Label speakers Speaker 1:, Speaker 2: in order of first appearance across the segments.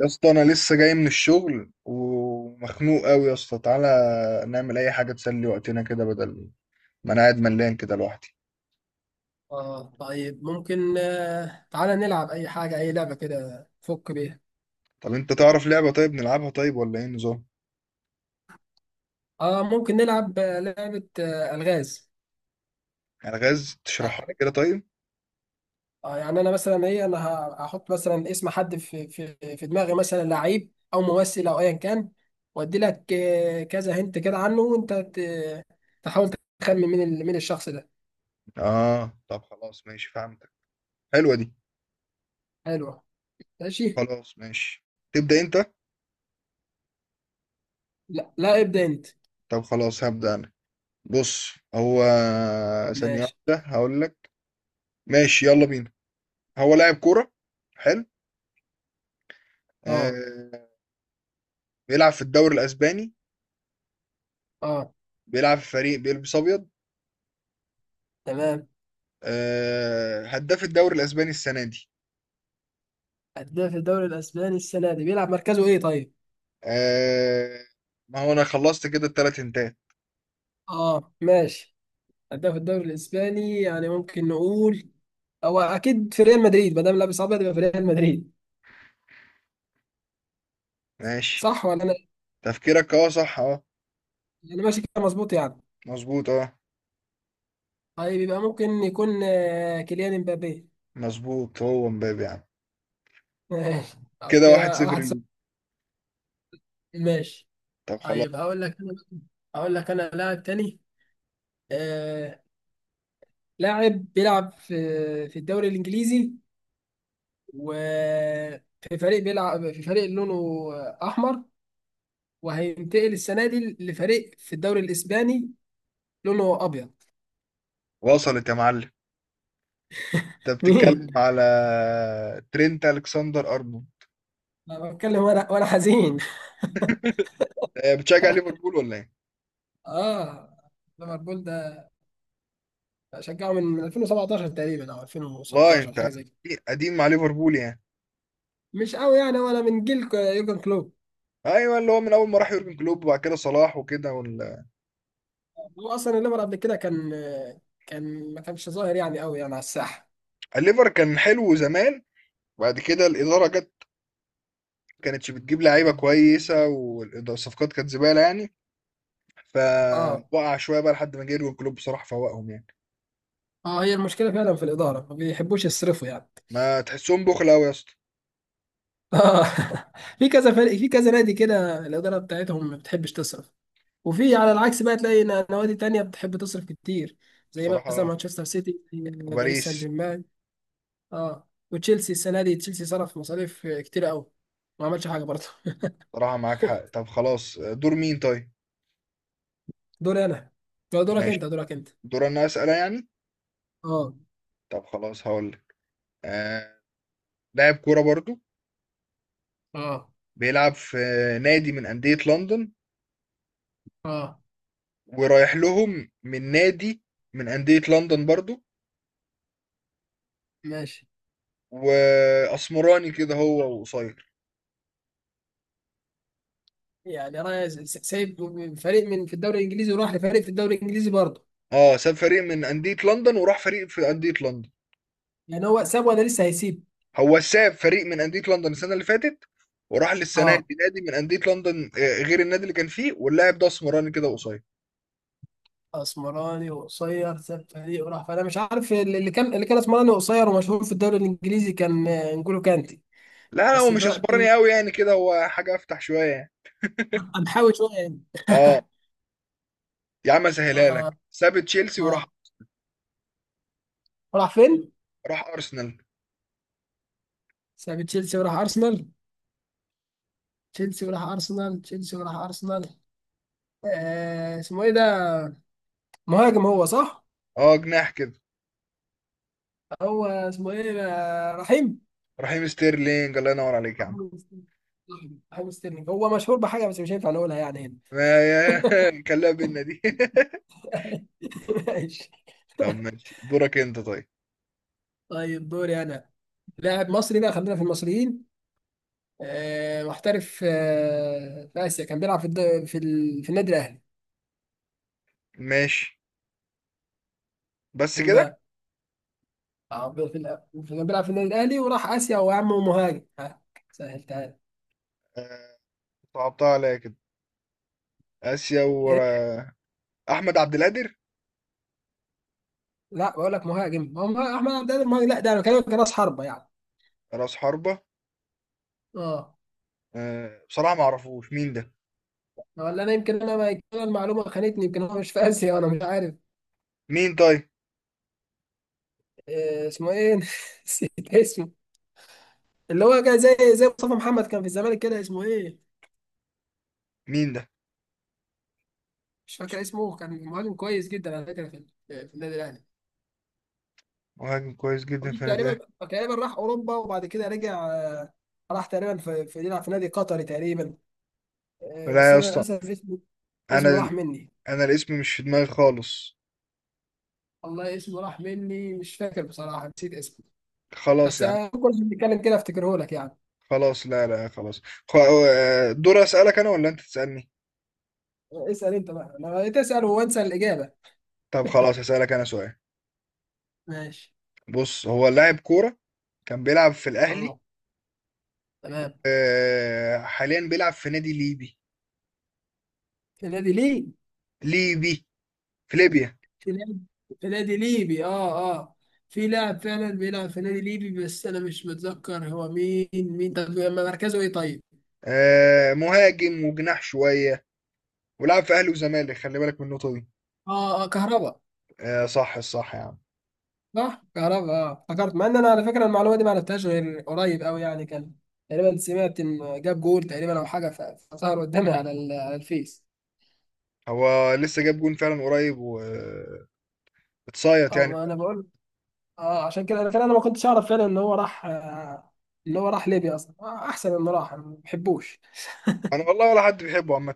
Speaker 1: يا اسطى، انا لسه جاي من الشغل ومخنوق قوي. يا اسطى تعالى نعمل اي حاجه تسلي وقتنا كده، بدل ما انا قاعد ملان كده لوحدي.
Speaker 2: اه طيب ممكن تعالى نلعب اي حاجة اي لعبة كده فك بيها.
Speaker 1: طب انت تعرف لعبه طيب نلعبها، طيب ولا ايه النظام؟
Speaker 2: اه ممكن نلعب لعبة الغاز.
Speaker 1: الغاز؟
Speaker 2: آه
Speaker 1: تشرحها لي كده طيب.
Speaker 2: يعني انا مثلا ايه انا هحط مثلا اسم حد في في دماغي مثلا لعيب او ممثل او ايا كان. وادي لك كذا هنت كده عنه وانت تحاول تخمن مين الشخص ده.
Speaker 1: اه، طب خلاص ماشي فهمتك. حلوه دي.
Speaker 2: حلو، ماشي.
Speaker 1: خلاص ماشي، تبدا انت.
Speaker 2: لا، ابدأ انت.
Speaker 1: طب خلاص هبدا انا. بص هو... ثانيه
Speaker 2: ماشي.
Speaker 1: واحده هقول لك. ماشي يلا بينا. هو لاعب كوره. حلو.
Speaker 2: اه
Speaker 1: آه بيلعب في الدوري الاسباني.
Speaker 2: اه.
Speaker 1: بيلعب في فريق بيلبس ابيض.
Speaker 2: تمام.
Speaker 1: هداف الدوري الاسباني السنه دي.
Speaker 2: هداف الدوري الاسباني السنة دي بيلعب مركزه ايه طيب؟
Speaker 1: آه، ما هو انا خلصت كده، التلات انتات.
Speaker 2: اه ماشي. أداء في الدوري الإسباني يعني ممكن نقول هو أكيد في ريال مدريد، ما دام لابس أبيض يبقى في ريال مدريد.
Speaker 1: ماشي،
Speaker 2: صح ولا أنا؟
Speaker 1: تفكيرك اه صح اه.
Speaker 2: أنا ماشي كده مظبوط يعني؟
Speaker 1: مظبوط اه.
Speaker 2: طيب يبقى ممكن يكون كيليان امبابي.
Speaker 1: مظبوط، هو مبابي يعني.
Speaker 2: ماشي، طب
Speaker 1: كده واحد
Speaker 2: كده
Speaker 1: صفر
Speaker 2: واحد صفر.
Speaker 1: ليك.
Speaker 2: ماشي.
Speaker 1: طب خلاص.
Speaker 2: طيب هقول لك أنا، هقول لك أنا لاعب تاني. آه، لاعب بيلعب في في الدوري الإنجليزي، وفي فريق بيلعب في فريق لونه أحمر، وهينتقل السنة دي لفريق في الدوري الإسباني لونه أبيض.
Speaker 1: وصلت يا معلم. انت
Speaker 2: مين؟
Speaker 1: بتتكلم على ترينت الكسندر ارنولد.
Speaker 2: انا بتكلم وانا حزين.
Speaker 1: بتشجع ليفربول ولا ايه؟
Speaker 2: اه، ليفربول ده شجعه من 2017 تقريبا او
Speaker 1: والله
Speaker 2: 2016
Speaker 1: انت
Speaker 2: حاجه زي كده.
Speaker 1: قديم مع ليفربول يعني.
Speaker 2: مش قوي يعني، وانا من جيل يورجن كلوب.
Speaker 1: ايوه، اللي هو من اول ما راح يورجن كلوب وبعد كده صلاح وكده.
Speaker 2: هو اصلا الليفر قبل كده كان، ما كانش ظاهر يعني قوي يعني على الساحه.
Speaker 1: الليفر كان حلو زمان. بعد كده الاداره جت، كانتش بتجيب لعيبه كويسه والصفقات كانت زباله يعني.
Speaker 2: اه
Speaker 1: فوقع شويه بقى لحد ما جه يورجن كلوب، بصراحه فوقهم يعني.
Speaker 2: اه. هي المشكله فعلا في الاداره، ما بيحبوش يصرفوا يعني.
Speaker 1: ما تحسهم بخل قوي يا اسطى.
Speaker 2: اه. في كذا فريق، في كذا نادي كده الاداره بتاعتهم ما بتحبش تصرف، وفي على العكس بقى تلاقي نوادي تانية بتحب تصرف كتير، زي مثلا
Speaker 1: بصراحه،
Speaker 2: مانشستر سيتي، باريس سان
Speaker 1: باريس.
Speaker 2: جيرمان. اه، وتشيلسي السنه دي، تشيلسي صرف مصاريف كتير قوي، ما عملش حاجه برضه.
Speaker 1: بصراحه معاك حق. طب خلاص، دور مين طيب؟
Speaker 2: دوري انا. لا، دورك
Speaker 1: ماشي،
Speaker 2: انت، دورك انت.
Speaker 1: دور انا اسال يعني.
Speaker 2: اه
Speaker 1: طب خلاص هقول لك. آه... لاعب كوره برضو،
Speaker 2: اه
Speaker 1: بيلعب في نادي من انديه لندن
Speaker 2: اه.
Speaker 1: ورايح لهم من نادي من انديه لندن برضو.
Speaker 2: ماشي.
Speaker 1: واسمراني كده هو وقصير.
Speaker 2: يعني انا سايب فريق من في الدوري الانجليزي وراح لفريق في الدوري الانجليزي برضه.
Speaker 1: اه، ساب فريق من أندية لندن وراح فريق في أندية لندن.
Speaker 2: يعني هو ساب ولا لسه هيسيب؟
Speaker 1: هو ساب فريق من أندية لندن السنة اللي فاتت، وراح للسنة
Speaker 2: اه.
Speaker 1: دي نادي من أندية لندن، غير النادي اللي كان فيه. واللاعب ده اسمراني كده قصير.
Speaker 2: اسمراني وقصير ساب فريق وراح، فانا مش عارف. اللي كان اسمراني وقصير ومشهور في الدوري الانجليزي كان نجولو كانتي،
Speaker 1: لا، لا، هو
Speaker 2: بس
Speaker 1: مش اسمراني
Speaker 2: دلوقتي
Speaker 1: قوي يعني كده، هو حاجة أفتح شوية يعني.
Speaker 2: هنحاول شويه يعني.
Speaker 1: اه، يا عم أسهلها
Speaker 2: اه
Speaker 1: لك. ساب تشيلسي وراح.
Speaker 2: اه. راح فين؟
Speaker 1: راح أرسنال.
Speaker 2: ساب تشيلسي وراح ارسنال تشيلسي وراح ارسنال. آه، اسمه ايه ده؟ مهاجم هو، صح؟
Speaker 1: اه، جناح كده.
Speaker 2: هو اسمه ايه؟ رحيم،
Speaker 1: رحيم ستيرلينج، الله ينور عليك يا عم.
Speaker 2: رحيم ستيرلينج. رحيم ستيرلينج. هو مشهور بحاجه بس مش هينفع نقولها يعني هنا.
Speaker 1: ما، يا، كلها بينا دي.
Speaker 2: ماشي.
Speaker 1: طب ماشي، دورك انت طيب.
Speaker 2: طيب دوري انا. لاعب مصري بقى، خلينا في المصريين. آه، محترف آه في اسيا، كان بيلعب في النادي الاهلي.
Speaker 1: ماشي بس
Speaker 2: مين
Speaker 1: كده.
Speaker 2: بقى؟ اه، في ال... كان بيلعب في النادي الاهلي وراح اسيا، وهو يا عم مهاجم، ها، سهلتها
Speaker 1: آه، صعبتها عليا كده. آسيا ورا.
Speaker 2: لك.
Speaker 1: احمد عبد القادر.
Speaker 2: لا، بقول لك مهاجم. احمد عبد القادر مهاجم؟ لا، ده انا بكلمك راس حربه يعني.
Speaker 1: راس حربة.
Speaker 2: اه.
Speaker 1: أه، بصراحة ما اعرفوش مين ده.
Speaker 2: ولا انا، يمكن انا، ما يمكن أنا المعلومه خانتني، يمكن هو مش في اسيا، انا مش عارف.
Speaker 1: مين طيب؟
Speaker 2: إيه اسمه ايه؟ نسيت اسمه. اللي هو كان زي، زي مصطفى محمد، كان في الزمالك كده، اسمه ايه؟
Speaker 1: مين ده؟
Speaker 2: مش فاكر اسمه. كان مهاجم كويس جدا على فكره في في النادي الاهلي.
Speaker 1: مهاجم كويس جدا في
Speaker 2: والله
Speaker 1: النادي
Speaker 2: تقريبا،
Speaker 1: الأهلي.
Speaker 2: تقريبا راح اوروبا وبعد كده رجع. راح تقريبا في في، يلعب في نادي قطري تقريبا. إيه
Speaker 1: لا
Speaker 2: بس
Speaker 1: يا
Speaker 2: انا
Speaker 1: اسطى،
Speaker 2: للاسف اسمه،
Speaker 1: انا
Speaker 2: اسمه راح
Speaker 1: ال-
Speaker 2: مني.
Speaker 1: انا الاسم مش في دماغي خالص.
Speaker 2: والله اسمه راح مني، مش فاكر بصراحه، نسيت اسمه.
Speaker 1: خلاص
Speaker 2: بس
Speaker 1: يا عم.
Speaker 2: كل ما بنتكلم كده افتكره لك يعني.
Speaker 1: خلاص، لا، لا، خلاص. دور اسالك انا ولا انت تسالني؟
Speaker 2: اسال انت بقى، انا بقيت اسال وانسى الاجابه.
Speaker 1: طب خلاص اسالك انا سؤال.
Speaker 2: ماشي.
Speaker 1: بص، هو لاعب كورة كان بيلعب في الاهلي.
Speaker 2: اه تمام.
Speaker 1: أه حاليا بيلعب في نادي ليبي.
Speaker 2: في نادي ليه؟
Speaker 1: ليبي، في ليبيا.
Speaker 2: في نادي، في نادي ليبي، اه اه. في لاعب فعلا بيلعب في نادي ليبي، بس انا مش متذكر هو مين. مين طب مركزه ايه طيب؟
Speaker 1: مهاجم وجناح شوية. ولعب في أهلي وزمالك، خلي بالك من النقطة دي.
Speaker 2: اه اه، كهربا.
Speaker 1: صح صح يا عم.
Speaker 2: صح كهربا، اه، افتكرت. مع ان انا على فكره المعلومه دي ما عرفتهاش غير قريب قوي يعني، كان تقريبا سمعت ان جاب جول تقريبا او حاجه، فظهر قدامي على على الفيس.
Speaker 1: هو لسه جاب جون فعلا قريب واتصايت
Speaker 2: اه،
Speaker 1: يعني.
Speaker 2: ما انا بقول. اه، عشان كده فعلا انا ما كنتش اعرف فعلا ان هو راح ان هو راح ليبيا اصلا. احسن انه راح، أنا ما بحبوش.
Speaker 1: انا والله ولا حد بيحبه عامة.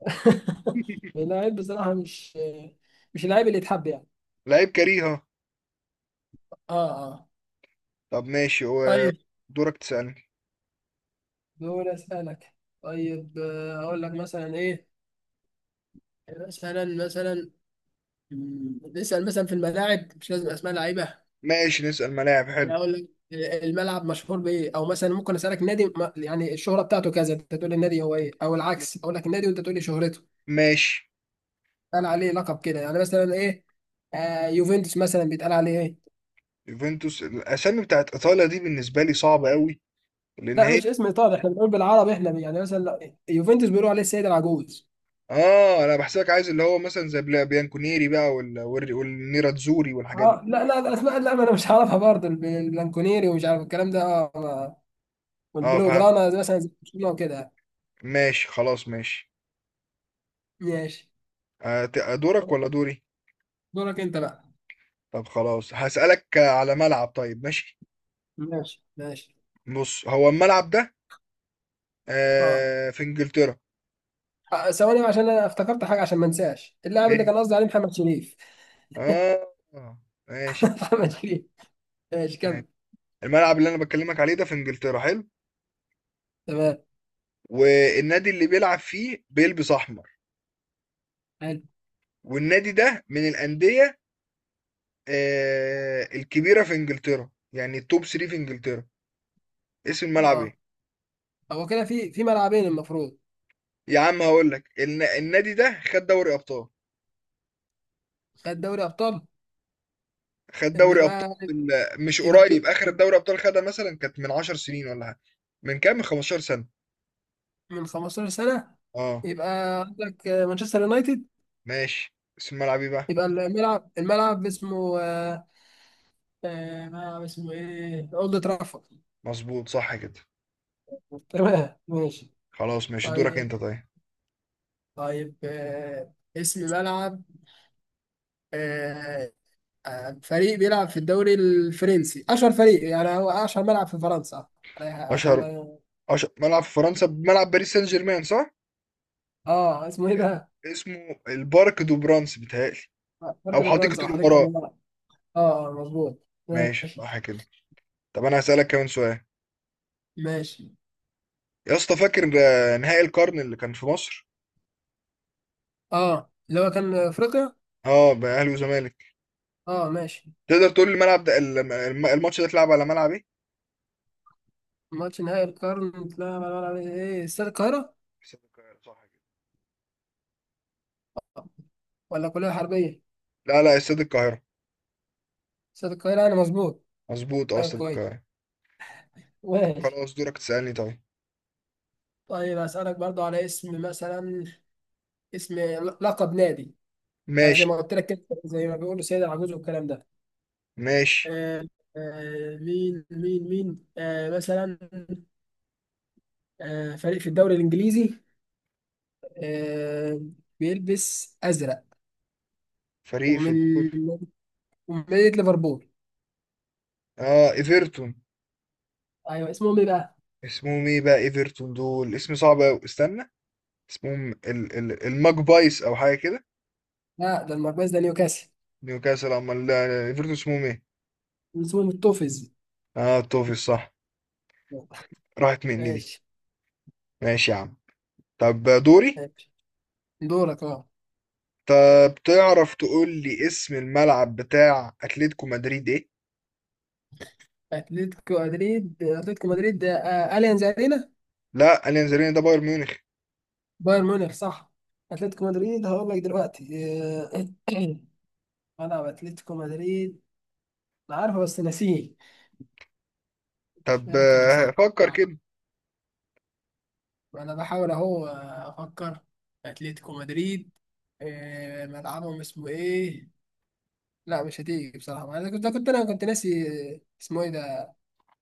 Speaker 2: اللاعب بصراحه مش، مش اللاعب اللي يتحب يعني.
Speaker 1: لعيب كريهة.
Speaker 2: اه اه.
Speaker 1: طب ماشي، هو
Speaker 2: طيب
Speaker 1: دورك تسألني.
Speaker 2: دول اسالك. طيب اقول لك مثلا ايه. مثلا نسال مثلا في الملاعب، مش لازم اسماء لعيبه.
Speaker 1: ماشي، نسأل ملاعب،
Speaker 2: انا
Speaker 1: حلو.
Speaker 2: اقول لك الملعب مشهور بايه، او مثلا ممكن اسالك نادي يعني الشهره بتاعته كذا، انت تقول لي النادي هو ايه، او العكس، اقول لك النادي وانت تقول لي شهرته.
Speaker 1: ماشي.
Speaker 2: قال عليه لقب كده يعني مثلا ايه. آه يوفنتوس مثلا بيتقال عليه ايه؟
Speaker 1: يوفنتوس، الاسامي بتاعت ايطاليا دي بالنسبة لي صعبة قوي، لان
Speaker 2: لا
Speaker 1: هي...
Speaker 2: مش اسم ايطالي، احنا بنقول بالعربي احنا يعني مثلا. لا، يوفنتوس بيقولوا عليه السيد العجوز.
Speaker 1: اه، انا بحسبك عايز اللي هو مثلا زي بيانكونيري بقى والنيراتزوري والحاجات دي.
Speaker 2: اه لا لا الاسماء، لا ما انا مش عارفها برضه. البلانكونيري ومش عارف الكلام ده، اه
Speaker 1: اه
Speaker 2: والبلو
Speaker 1: فهمت.
Speaker 2: جرانا، زي مثلا زي برشلونه وكده يعني.
Speaker 1: ماشي خلاص ماشي.
Speaker 2: ماشي.
Speaker 1: دورك ولا دوري؟
Speaker 2: دورك انت بقى.
Speaker 1: طب خلاص هسألك على ملعب، طيب ماشي.
Speaker 2: ماشي ماشي.
Speaker 1: بص، هو الملعب ده
Speaker 2: اه
Speaker 1: في انجلترا.
Speaker 2: ثواني بقى عشان انا افتكرت حاجه، عشان ما انساش اللاعب اللي
Speaker 1: إيه؟
Speaker 2: كان قصدي عليه محمد شريف.
Speaker 1: اه، ماشي
Speaker 2: محمد شريف. ماشي
Speaker 1: معاك.
Speaker 2: كمل.
Speaker 1: الملعب اللي انا بكلمك عليه ده في انجلترا، حلو.
Speaker 2: تمام.
Speaker 1: والنادي اللي بيلعب فيه بيلبس احمر.
Speaker 2: حلو.
Speaker 1: والنادي ده من الانديه الكبيره في انجلترا، يعني التوب 3 في انجلترا. اسم الملعب ايه؟
Speaker 2: اه. هو كده في في ملعبين المفروض.
Speaker 1: يا عم هقول لك، النادي ده خد دوري ابطال.
Speaker 2: خد دوري ابطال؟
Speaker 1: خد
Speaker 2: اللي
Speaker 1: دوري
Speaker 2: يبقى،
Speaker 1: ابطال. مش
Speaker 2: يبقى
Speaker 1: قريب، اخر دوري ابطال خدها مثلا كانت من 10 سنين ولا حاجه. من كام، من 15 سنه.
Speaker 2: من 15 سنة،
Speaker 1: اه
Speaker 2: يبقى عندك مانشستر يونايتد.
Speaker 1: ماشي، اسم الملعب ايه بقى؟
Speaker 2: يبقى الملعب، الملعب اسمه ملعب اسمه ايه؟ اولد ترافورد.
Speaker 1: مظبوط، صح كده.
Speaker 2: تمام ماشي.
Speaker 1: خلاص ماشي، دورك
Speaker 2: طيب.
Speaker 1: انت طيب.
Speaker 2: طيب اسم ملعب آه، فريق بيلعب في الدوري الفرنسي، اشهر فريق يعني، هو اشهر ملعب في فرنسا. أنا- عشان
Speaker 1: اشهر
Speaker 2: ما
Speaker 1: اشهر ملعب في فرنسا، ملعب باريس سان جيرمان، صح؟
Speaker 2: اه اسمه ايه ده؟
Speaker 1: اسمه البارك دو برانس بيتهيألي.
Speaker 2: بارك
Speaker 1: او
Speaker 2: دي فرنسا،
Speaker 1: حديقة
Speaker 2: وحديقة
Speaker 1: الامراء.
Speaker 2: الملعب. اه مظبوط.
Speaker 1: ماشي،
Speaker 2: ماشي
Speaker 1: صح كده. طب انا هسألك كمان سؤال.
Speaker 2: ماشي.
Speaker 1: يا اسطى، فاكر نهائي القرن اللي كان في مصر؟
Speaker 2: اه، اللي هو كان افريقيا.
Speaker 1: اه، بقى اهلي وزمالك.
Speaker 2: اه ماشي.
Speaker 1: تقدر تقول لي الملعب ده، الماتش ده اتلعب على ملعب ايه؟
Speaker 2: ماتش نهائي القرن، لا لا لا لا، ايه استاد القاهرة،
Speaker 1: استاد القاهرة، صح كده؟
Speaker 2: ولا كلية حربية؟
Speaker 1: لا، لا، استاد القاهرة.
Speaker 2: استاد القاهرة انا، مظبوط؟
Speaker 1: مظبوط، اه
Speaker 2: طيب
Speaker 1: استاد
Speaker 2: كويس.
Speaker 1: القاهرة. طب
Speaker 2: ماشي.
Speaker 1: خلاص، دورك تسألني طيب.
Speaker 2: طيب اسألك برضو على اسم مثلا، اسم لقب نادي. زي
Speaker 1: ماشي،
Speaker 2: ما قلت لك كده، زي ما بيقولوا سيد العجوز والكلام ده.
Speaker 1: ماشي.
Speaker 2: آه مين آه مثلا، آه فريق في الدوري الانجليزي، آه بيلبس ازرق،
Speaker 1: فريق في
Speaker 2: ومن
Speaker 1: الدور...
Speaker 2: ومن مدينة ليفربول.
Speaker 1: اه، ايفرتون.
Speaker 2: ايوه اسمهم ايه بقى؟
Speaker 1: اسمهم ايه بقى؟ ايفرتون دول اسم صعب قوي، استنى. اسمهم ال ال الماجبايز او حاجه كده.
Speaker 2: لا ده المركز ده نيوكاسل.
Speaker 1: نيوكاسل امال؟ لا، ايفرتون اسمهم ايه؟
Speaker 2: اسمه متوفز.
Speaker 1: اه، توفيق صح. راحت مني دي.
Speaker 2: ماشي
Speaker 1: ماشي يا عم. طب دوري.
Speaker 2: ماشي. دورك اه.
Speaker 1: طب تعرف تقول لي اسم الملعب بتاع اتلتيكو مدريد ايه؟
Speaker 2: اتلتيكو مدريد، اتلتيكو مدريد ده آه اليانز ارينا.
Speaker 1: لا، اليانزاريني ده بايرن ميونخ.
Speaker 2: بايرن ميونخ صح. اتلتيكو مدريد هقول لك دلوقتي آه، ملعب اتلتيكو مدريد، انا عارفه بس ناسيه. مش
Speaker 1: طب
Speaker 2: فاكر بصراحه،
Speaker 1: فكر كده.
Speaker 2: انا بحاول اهو افكر. اتلتيكو مدريد ملعبهم اسمه ايه؟ لا مش هتيجي بصراحه. انا كنت ناسي، اسمه ايه ده؟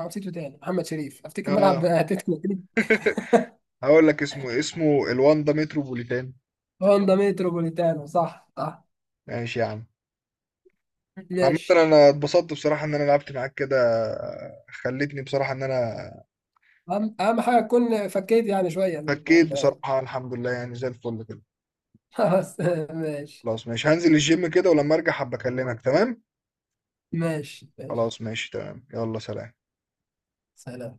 Speaker 2: أنا نسيته تاني. محمد شريف افتكر ملعب
Speaker 1: اه.
Speaker 2: اتلتيكو مدريد.
Speaker 1: هقول لك اسمه الواندا متروبوليتان.
Speaker 2: هوندا متروبوليتانو، صح صح.
Speaker 1: ماشي يا عم. عامة
Speaker 2: ماشي.
Speaker 1: انا اتبسطت بصراحة ان انا لعبت معاك كده. خلتني بصراحة ان انا...
Speaker 2: اهم، أهم حاجه تكون فكيت يعني شويه
Speaker 1: فكيت بصراحة، الحمد لله يعني زي الفل كده.
Speaker 2: خلاص ماشي.
Speaker 1: خلاص ماشي، هنزل الجيم كده ولما ارجع هبقى اكلمك، تمام؟
Speaker 2: ماشي ماشي.
Speaker 1: خلاص ماشي تمام، يلا سلام.
Speaker 2: سلام.